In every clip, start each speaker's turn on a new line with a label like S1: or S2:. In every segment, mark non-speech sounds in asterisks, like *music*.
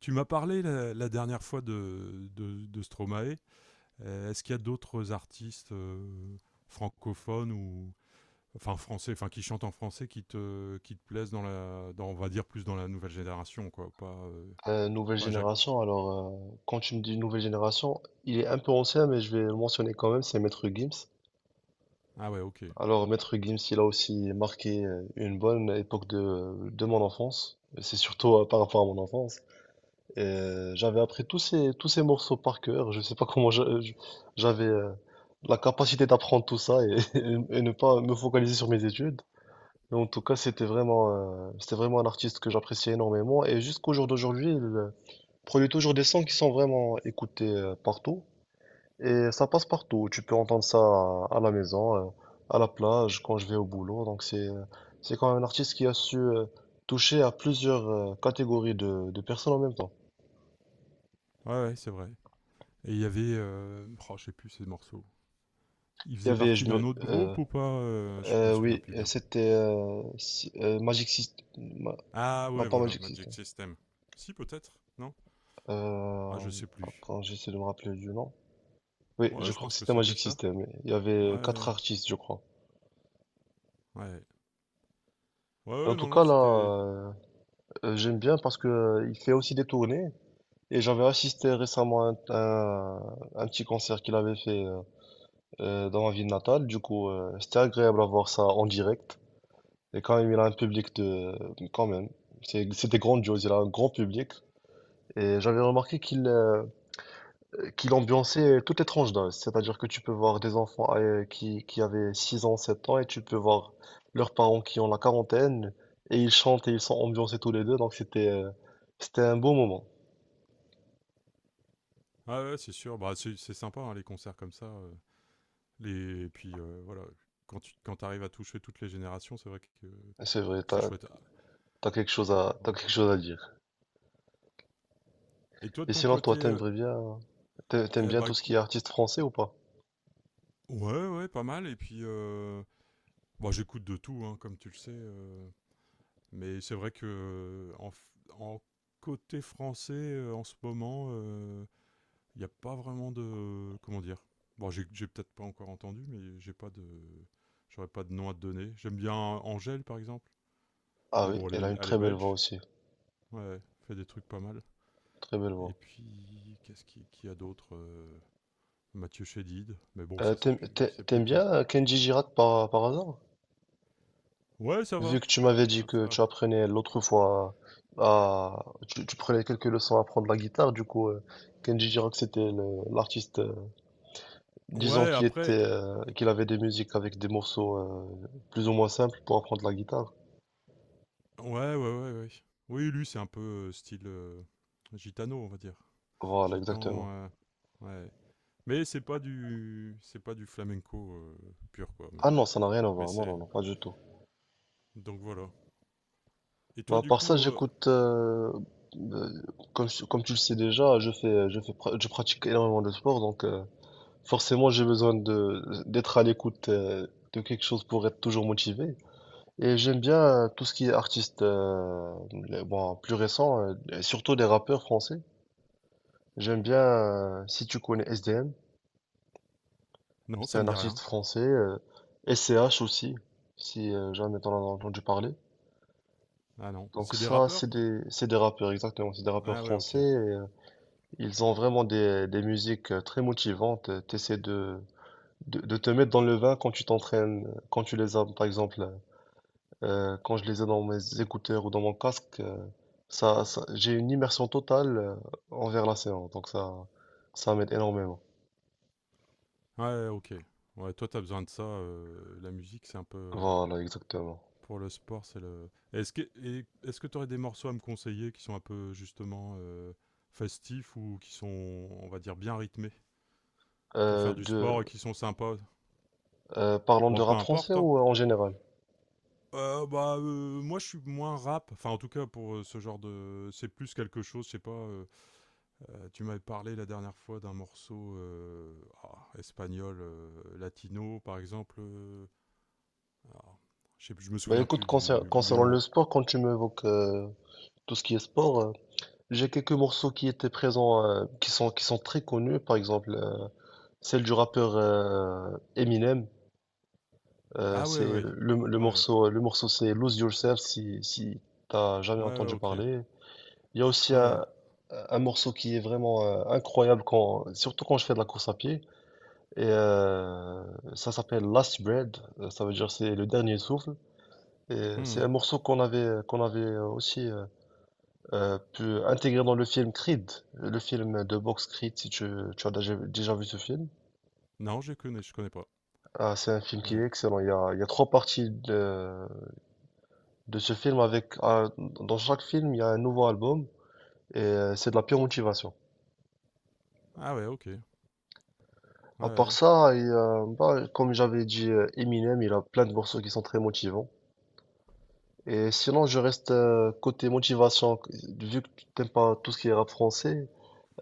S1: Tu m'as parlé la dernière fois de Stromae. Est-ce qu'il y a d'autres artistes francophones ou enfin français, enfin qui chantent en français, qui te plaisent dans on va dire plus dans la nouvelle génération, quoi. Pas euh,
S2: Nouvelle
S1: pas Jacques.
S2: génération, alors quand tu me dis nouvelle génération, il est un peu ancien, mais je vais le mentionner quand même, c'est Maître Gims.
S1: Ah ouais, ok. Ouais,
S2: Alors Maître Gims, il a aussi marqué une bonne époque de mon enfance, c'est surtout par rapport à mon enfance. J'avais appris tous ces morceaux par cœur, je sais pas comment j'avais la capacité d'apprendre tout ça et, *laughs* et ne pas me focaliser sur mes études. Mais en tout cas, c'était vraiment un artiste que j'appréciais énormément et jusqu'au jour d'aujourd'hui, il produit toujours des sons qui sont vraiment écoutés partout et ça passe partout. Tu peux entendre ça à la maison, à la plage, quand je vais au boulot. Donc c'est c'est quand même un artiste qui a su toucher à plusieurs catégories de personnes en même temps.
S1: ouais, c'est vrai. Et il y avait, oh, je sais plus ces morceaux. Il
S2: Il y
S1: faisait
S2: avait,
S1: partie
S2: je
S1: d'un
S2: me,
S1: autre groupe ou pas? Je me souviens
S2: oui,
S1: plus bien.
S2: c'était si- Magic System,
S1: Ah
S2: non,
S1: ouais,
S2: pas
S1: voilà,
S2: Magic
S1: Magic
S2: System.
S1: System. Si peut-être, non. Ah,
S2: Euh,
S1: je sais plus.
S2: attends, j'essaie de me rappeler du nom. Oui, je
S1: Ouais, je
S2: crois que
S1: pense que
S2: c'était
S1: c'était
S2: Magic
S1: ça.
S2: System. Il y
S1: Ouais,
S2: avait
S1: ouais.
S2: quatre artistes, je crois.
S1: Ouais. Ouais,
S2: En
S1: ouais,
S2: tout
S1: non, non,
S2: cas,
S1: c'était.
S2: j'aime bien parce que il fait aussi des tournées et j'avais assisté récemment à un petit concert qu'il avait fait dans ma ville natale. Du coup, c'était agréable à voir ça en direct. Et quand même, il a un public de, quand même, c'est- c'était grandiose. Il a un grand public et j'avais remarqué qu'il ambiançait toutes les tranches d'âge. C'est-à-dire que tu peux voir des enfants qui avaient 6 ans, 7 ans, et tu peux voir leurs parents qui ont la quarantaine et ils chantent et ils sont ambiancés tous les deux. Donc c'était c'était un beau moment.
S1: Ah ouais, c'est sûr. Bah, c'est sympa, hein, les concerts comme ça. Les... Et puis, voilà, quand t'arrives à toucher toutes les générations, c'est vrai que
S2: Ah, c'est vrai,
S1: c'est chouette. Ah,
S2: t'as quelque chose t'as
S1: ouais.
S2: quelque chose à dire.
S1: Et toi, de
S2: Et
S1: ton
S2: sinon,
S1: côté,
S2: toi, t'aimes
S1: eh
S2: bien
S1: bah,
S2: tout ce qui est artiste français ou pas?
S1: ouais, ouais, pas mal. Et puis, bah, j'écoute de tout, hein, comme tu le sais. Mais c'est vrai que en côté français, en ce moment, il n'y a pas vraiment de. Comment dire? Bon, j'ai peut-être pas encore entendu, mais j'ai pas de. J'aurais pas de nom à te donner. J'aime bien Angèle, par exemple.
S2: Ah
S1: Mais
S2: oui,
S1: bon,
S2: elle a
S1: elle est,
S2: une
S1: elle est
S2: très belle voix
S1: belge.
S2: aussi,
S1: Ouais, fait des trucs pas mal.
S2: très belle voix.
S1: Et puis, qu'est-ce qu'il qui y a d'autre? Mathieu Chédid. Mais bon,
S2: Euh,
S1: ça, c'est
S2: t'aimes,
S1: plus,
S2: t'a-
S1: c'est
S2: t'aimes bien
S1: plutôt.
S2: Kenji Girac par hasard?
S1: Ouais, ça
S2: Vu
S1: va.
S2: que tu m'avais dit
S1: Ah,
S2: que
S1: ça.
S2: tu apprenais l'autre fois tu prenais quelques leçons à apprendre la guitare. Du coup, Kenji Girac, c'était l'artiste, disons
S1: Ouais,
S2: qu'il était,
S1: après.
S2: qu'il avait des musiques avec des morceaux, plus ou moins simples pour apprendre la guitare.
S1: Ouais, ouais, ouais, ouais. Oui, lui, c'est un peu style gitano, on va dire.
S2: Voilà, exactement.
S1: Gitan. Ouais. Mais c'est pas du flamenco pur quoi. Mais,
S2: Ah non, ça n'a rien à
S1: mais
S2: voir, non,
S1: c'est
S2: non, non, pas du tout.
S1: donc voilà. Et
S2: Bah,
S1: toi
S2: à
S1: du
S2: part ça,
S1: coup,
S2: j'écoute, euh, comme tu le sais déjà, je pratique énormément de sport, donc forcément j'ai besoin d'être à l'écoute de quelque chose pour être toujours motivé. Et j'aime bien tout ce qui est artiste, bon, plus récent, et surtout des rappeurs français. J'aime bien, si tu connais S D M,
S1: non,
S2: c'est
S1: ça
S2: un
S1: me dit
S2: artiste
S1: rien.
S2: français, S C H aussi, si jamais t'en as entendu parler.
S1: Ah non,
S2: Donc
S1: c'est des
S2: ça,
S1: rappeurs.
S2: c'est des rappeurs, exactement, c'est des rappeurs
S1: Ah ouais, ok.
S2: français. Ils ont vraiment des musiques très motivantes. T'essaies de te mettre dans le vin quand tu t'entraînes, quand tu les as, par exemple, quand je les ai dans mes écouteurs ou dans mon casque, j'ai une immersion totale envers la séance. Donc ça m'aide énormément.
S1: Ouais, ok. Ouais, toi t'as besoin de ça. La musique c'est un peu,
S2: Voilà, exactement.
S1: pour le sport c'est le. Est-ce que t'aurais des morceaux à me conseiller qui sont un peu justement festifs ou qui sont, on va dire, bien rythmés pour
S2: Euh,
S1: faire du
S2: de,
S1: sport et qui sont sympas.
S2: parlons
S1: Bon,
S2: de
S1: peu
S2: rap français
S1: importe, hein.
S2: ou en général?
S1: Bah, moi, je suis moins rap. Enfin, en tout cas, pour ce genre de. C'est plus quelque chose, je sais pas. Tu m'avais parlé la dernière fois d'un morceau, ah, espagnol, latino, par exemple. Ah, je sais plus, je me
S2: Bah
S1: souviens
S2: écoute,
S1: plus du
S2: concernant le
S1: nom.
S2: sport, quand tu m'évoques tout ce qui est sport, j'ai quelques morceaux qui étaient présents, qui sont très connus, par exemple. Celle du rappeur Eminem,
S1: Ah, ouais,
S2: c'est
S1: ouais. Ouais.
S2: le morceau c'est Lose Yourself, si t'as jamais
S1: Ouais, ouais,
S2: entendu
S1: ok.
S2: parler. Il y a aussi
S1: Ouais.
S2: un morceau qui est vraiment incroyable quand, surtout quand je fais de la course à pied. Et ça s'appelle Last Breath. Ça veut dire c'est le dernier souffle. Et c'est un
S1: Hmm.
S2: morceau qu'on avait aussi pu intégrer dans le film Creed, le film de boxe Creed, si tu as déjà vu ce film.
S1: Non, je connais pas.
S2: Ah, c'est un film qui
S1: Ouais.
S2: est excellent. Il y a trois parties de ce film avec, dans chaque film, il y a un nouveau album et c'est de la pure motivation.
S1: Ah, ouais, ok. Ouais,
S2: À part
S1: ouais.
S2: ça, bah, comme j'avais dit, Eminem, il a plein de morceaux qui sont très motivants. Et sinon, je reste côté motivation, vu que tu n'aimes pas tout ce qui est rap français.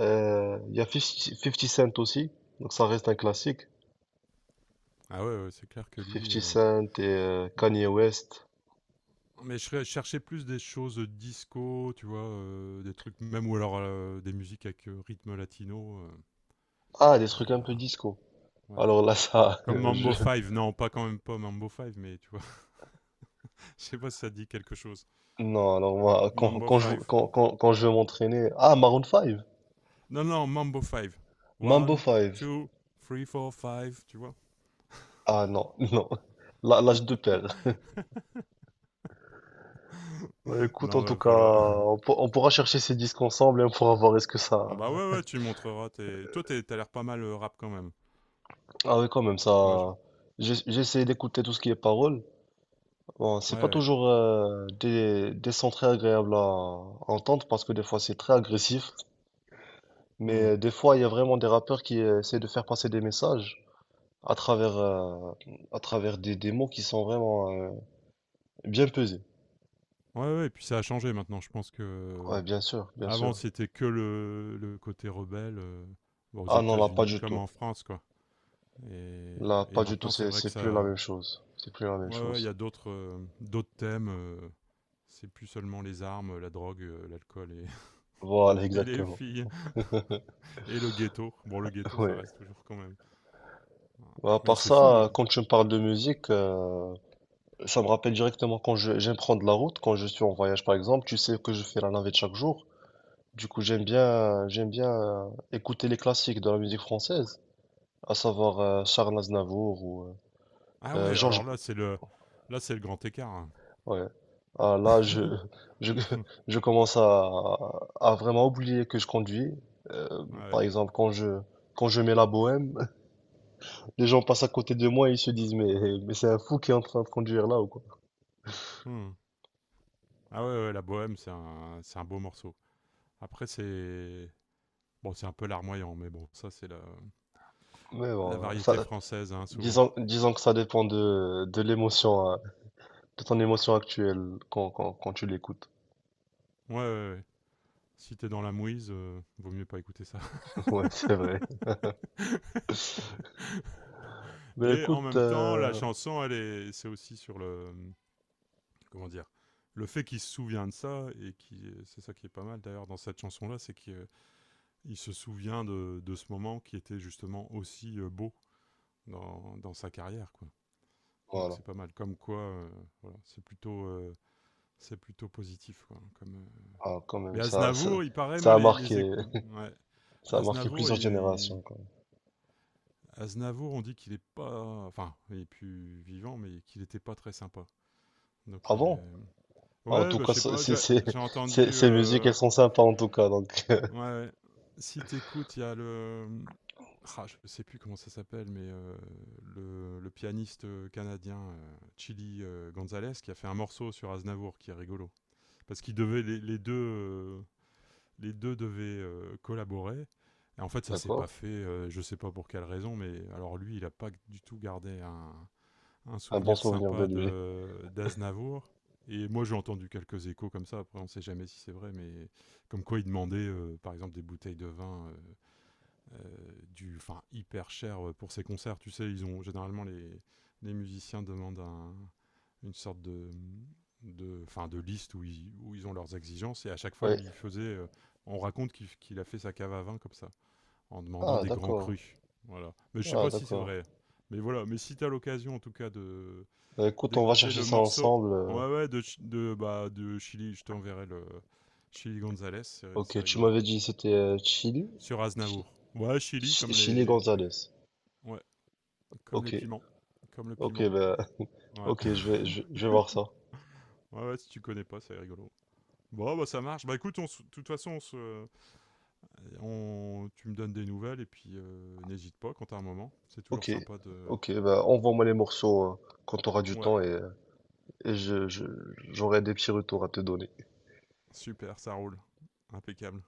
S2: Il y a Fifty Cent aussi, donc ça reste un classique.
S1: Ah, ouais, ouais, c'est clair que lui.
S2: Fifty Cent et Kanye West.
S1: Mais je cherchais plus des choses disco, tu vois, des trucs, même, ou alors des musiques avec rythme latino.
S2: Ah, des trucs un peu
S1: Ah,
S2: disco.
S1: ouais.
S2: Alors là, ça, *laughs*
S1: Comme Mambo
S2: je,
S1: Five, non, pas quand même pas Mambo Five, mais tu vois, *laughs* je sais pas si ça dit quelque chose.
S2: non, alors moi,
S1: Mambo Five, oh,
S2: quand
S1: oh.
S2: je veux m'entraîner. Ah, Maroon 5,
S1: Non, non, Mambo Five.
S2: Mambo
S1: One,
S2: 5.
S1: two, three, four, five, tu vois.
S2: Ah non, *laughs* non. Là, je te perds. Ouais,
S1: *laughs*
S2: écoute, en
S1: Non,
S2: tout
S1: bah,
S2: cas,
S1: voilà. *laughs*
S2: on pourra chercher ces disques ensemble et on pourra voir est-ce que ça.
S1: Bah ouais, ouais, tu montreras. Tes... Toi, t'as l'air pas mal rap quand même.
S2: Ah oui, quand même,
S1: Moi, je.
S2: ça. J'ess- J'essaie d'écouter tout ce qui est paroles. Bon, c'est
S1: Ouais,
S2: pas
S1: ouais.
S2: toujours des sons très agréables à entendre parce que des fois c'est très agressif.
S1: Hmm.
S2: Mais des fois, il y a vraiment des rappeurs qui essaient de faire passer des messages à travers, euh, à travers des mots qui sont vraiment. Bien pesé.
S1: Ouais, ouais, et puis ça a changé maintenant. Je pense que.
S2: Ouais, bien sûr, bien
S1: Avant,
S2: sûr.
S1: c'était que le côté rebelle, bon, aux
S2: Ah non, là, pas
S1: États-Unis
S2: du
S1: comme
S2: tout.
S1: en France, quoi. Et,
S2: Là,
S1: et
S2: pas du tout,
S1: maintenant, c'est vrai que
S2: c'est plus la
S1: ça.
S2: même chose. C'est plus la même
S1: Ouais, ouais, il y
S2: chose.
S1: a d'autres thèmes. C'est plus seulement les armes, la drogue, l'alcool et, *laughs*
S2: Voilà,
S1: et les
S2: exactement.
S1: filles et le ghetto. Bon, le
S2: *laughs*
S1: ghetto, ça
S2: Ouais.
S1: reste toujours quand même.
S2: Bah, à
S1: Mais
S2: part
S1: c'est
S2: ça,
S1: fou, hein.
S2: quand tu me parles de musique, ça me rappelle directement quand j'aime prendre la route, quand je suis en voyage, par exemple. Tu sais que je fais la navette chaque jour. Du coup, j'aime bien écouter les classiques de la musique française, à savoir Charles Aznavour ou
S1: Ah ouais, alors
S2: Georges.
S1: là, c'est le grand écart, hein.
S2: Ouais. Ah,
S1: *laughs*
S2: je, *laughs* je commence à vraiment oublier que je conduis. Par
S1: Ouais.
S2: exemple, quand je mets la bohème, *laughs* les gens passent à côté de moi et ils se disent, mais c'est un fou qui est en train de conduire là ou quoi.
S1: Hmm. Ah ouais, ouais, la bohème, c'est un beau morceau. Après, c'est bon, c'est un peu larmoyant, mais bon, ça, c'est la
S2: Mais
S1: La
S2: bon,
S1: variété
S2: ça,
S1: française, hein, souvent.
S2: disons que ça dépend de l'émotion, hein, de ton émotion actuelle quand tu l'écoutes.
S1: Ouais, ouais, ouais. Si t'es dans la mouise, vaut mieux pas écouter ça. *laughs*
S2: *laughs* Ouais, c'est vrai. Mais
S1: Mais en
S2: écoute,
S1: même temps, la chanson, c'est aussi sur le, comment dire, le fait qu'il se souvient de ça et qui, c'est ça qui est pas mal d'ailleurs dans cette chanson-là, c'est qu'il il se souvient de ce moment qui était justement aussi beau dans sa carrière, quoi. Donc
S2: voilà.
S1: c'est pas mal. Comme quoi, voilà, c'est plutôt positif. Quoi, comme.
S2: Ah, quand
S1: Mais
S2: même,
S1: Aznavour, il paraît,
S2: ça
S1: moi,
S2: a marqué,
S1: ouais.
S2: *laughs* ça a marqué
S1: Aznavour,
S2: plusieurs générations, quoi.
S1: Aznavour, on dit qu'il est pas. Enfin, il est plus vivant, mais qu'il était pas très sympa. Donc.
S2: Avant, en
S1: Ouais,
S2: tout
S1: bah, je
S2: cas,
S1: sais pas, j'ai j'ai entendu.
S2: ces musiques, elles sont sympas en tout cas. Donc, *laughs*
S1: Ouais, si t'écoutes, il y a le. Ah, je sais plus comment ça s'appelle, mais le pianiste canadien, Chili Gonzalez, qui a fait un morceau sur Aznavour qui est rigolo. Parce qu'ils devaient, les deux, les deux devaient collaborer. Et en fait, ça s'est pas
S2: d'accord.
S1: fait, je sais pas pour quelle raison, mais alors lui, il a pas du tout gardé un
S2: Un bon
S1: souvenir
S2: souvenir de
S1: sympa
S2: lui.
S1: de d'Aznavour. Et moi, j'ai entendu quelques échos comme ça. Après, on ne sait jamais si c'est vrai, mais comme quoi il demandait, par exemple, des bouteilles de vin, du, enfin, hyper cher pour ses concerts. Tu sais, ils ont généralement les, musiciens demandent une sorte de fin, de liste où ils ont leurs exigences. Et à chaque fois,
S2: Oui.
S1: lui, il faisait. On raconte qu'il a fait sa cave à vin comme ça, en demandant
S2: Ah,
S1: des grands
S2: d'accord.
S1: crus. Voilà. Mais je sais
S2: Ah,
S1: pas si c'est
S2: d'accord.
S1: vrai. Mais voilà. Mais si tu as l'occasion, en tout cas, de,
S2: Bah, écoute, on va
S1: d'écouter
S2: chercher
S1: le
S2: ça
S1: morceau.
S2: ensemble.
S1: Ouais, ouais, bah, de Chili. Je t'enverrai le. Chili Gonzalez, c'est
S2: Ok, tu
S1: rigolo.
S2: m'avais dit c'était Chili?
S1: Sur
S2: Chi-
S1: Aznavour. Ouais, Chili,
S2: Chili Gonzalez.
S1: ouais, comme les
S2: Ok.
S1: piments. Comme le
S2: Ok,
S1: piment.
S2: bah, *laughs*
S1: Ouais.
S2: ok,
S1: *laughs*
S2: je vais voir ça.
S1: Ouais, ouais, si tu connais pas, c'est rigolo. Bon, bah ça marche. Bah écoute, de toute façon, tu me donnes des nouvelles et puis n'hésite pas quand t'as un moment. C'est toujours
S2: Ok.
S1: sympa de.
S2: Ok, bah, envoie-moi les morceaux quand tu auras du
S1: Ouais,
S2: temps et j'aurai des petits retours à te donner.
S1: super, ça roule. Impeccable.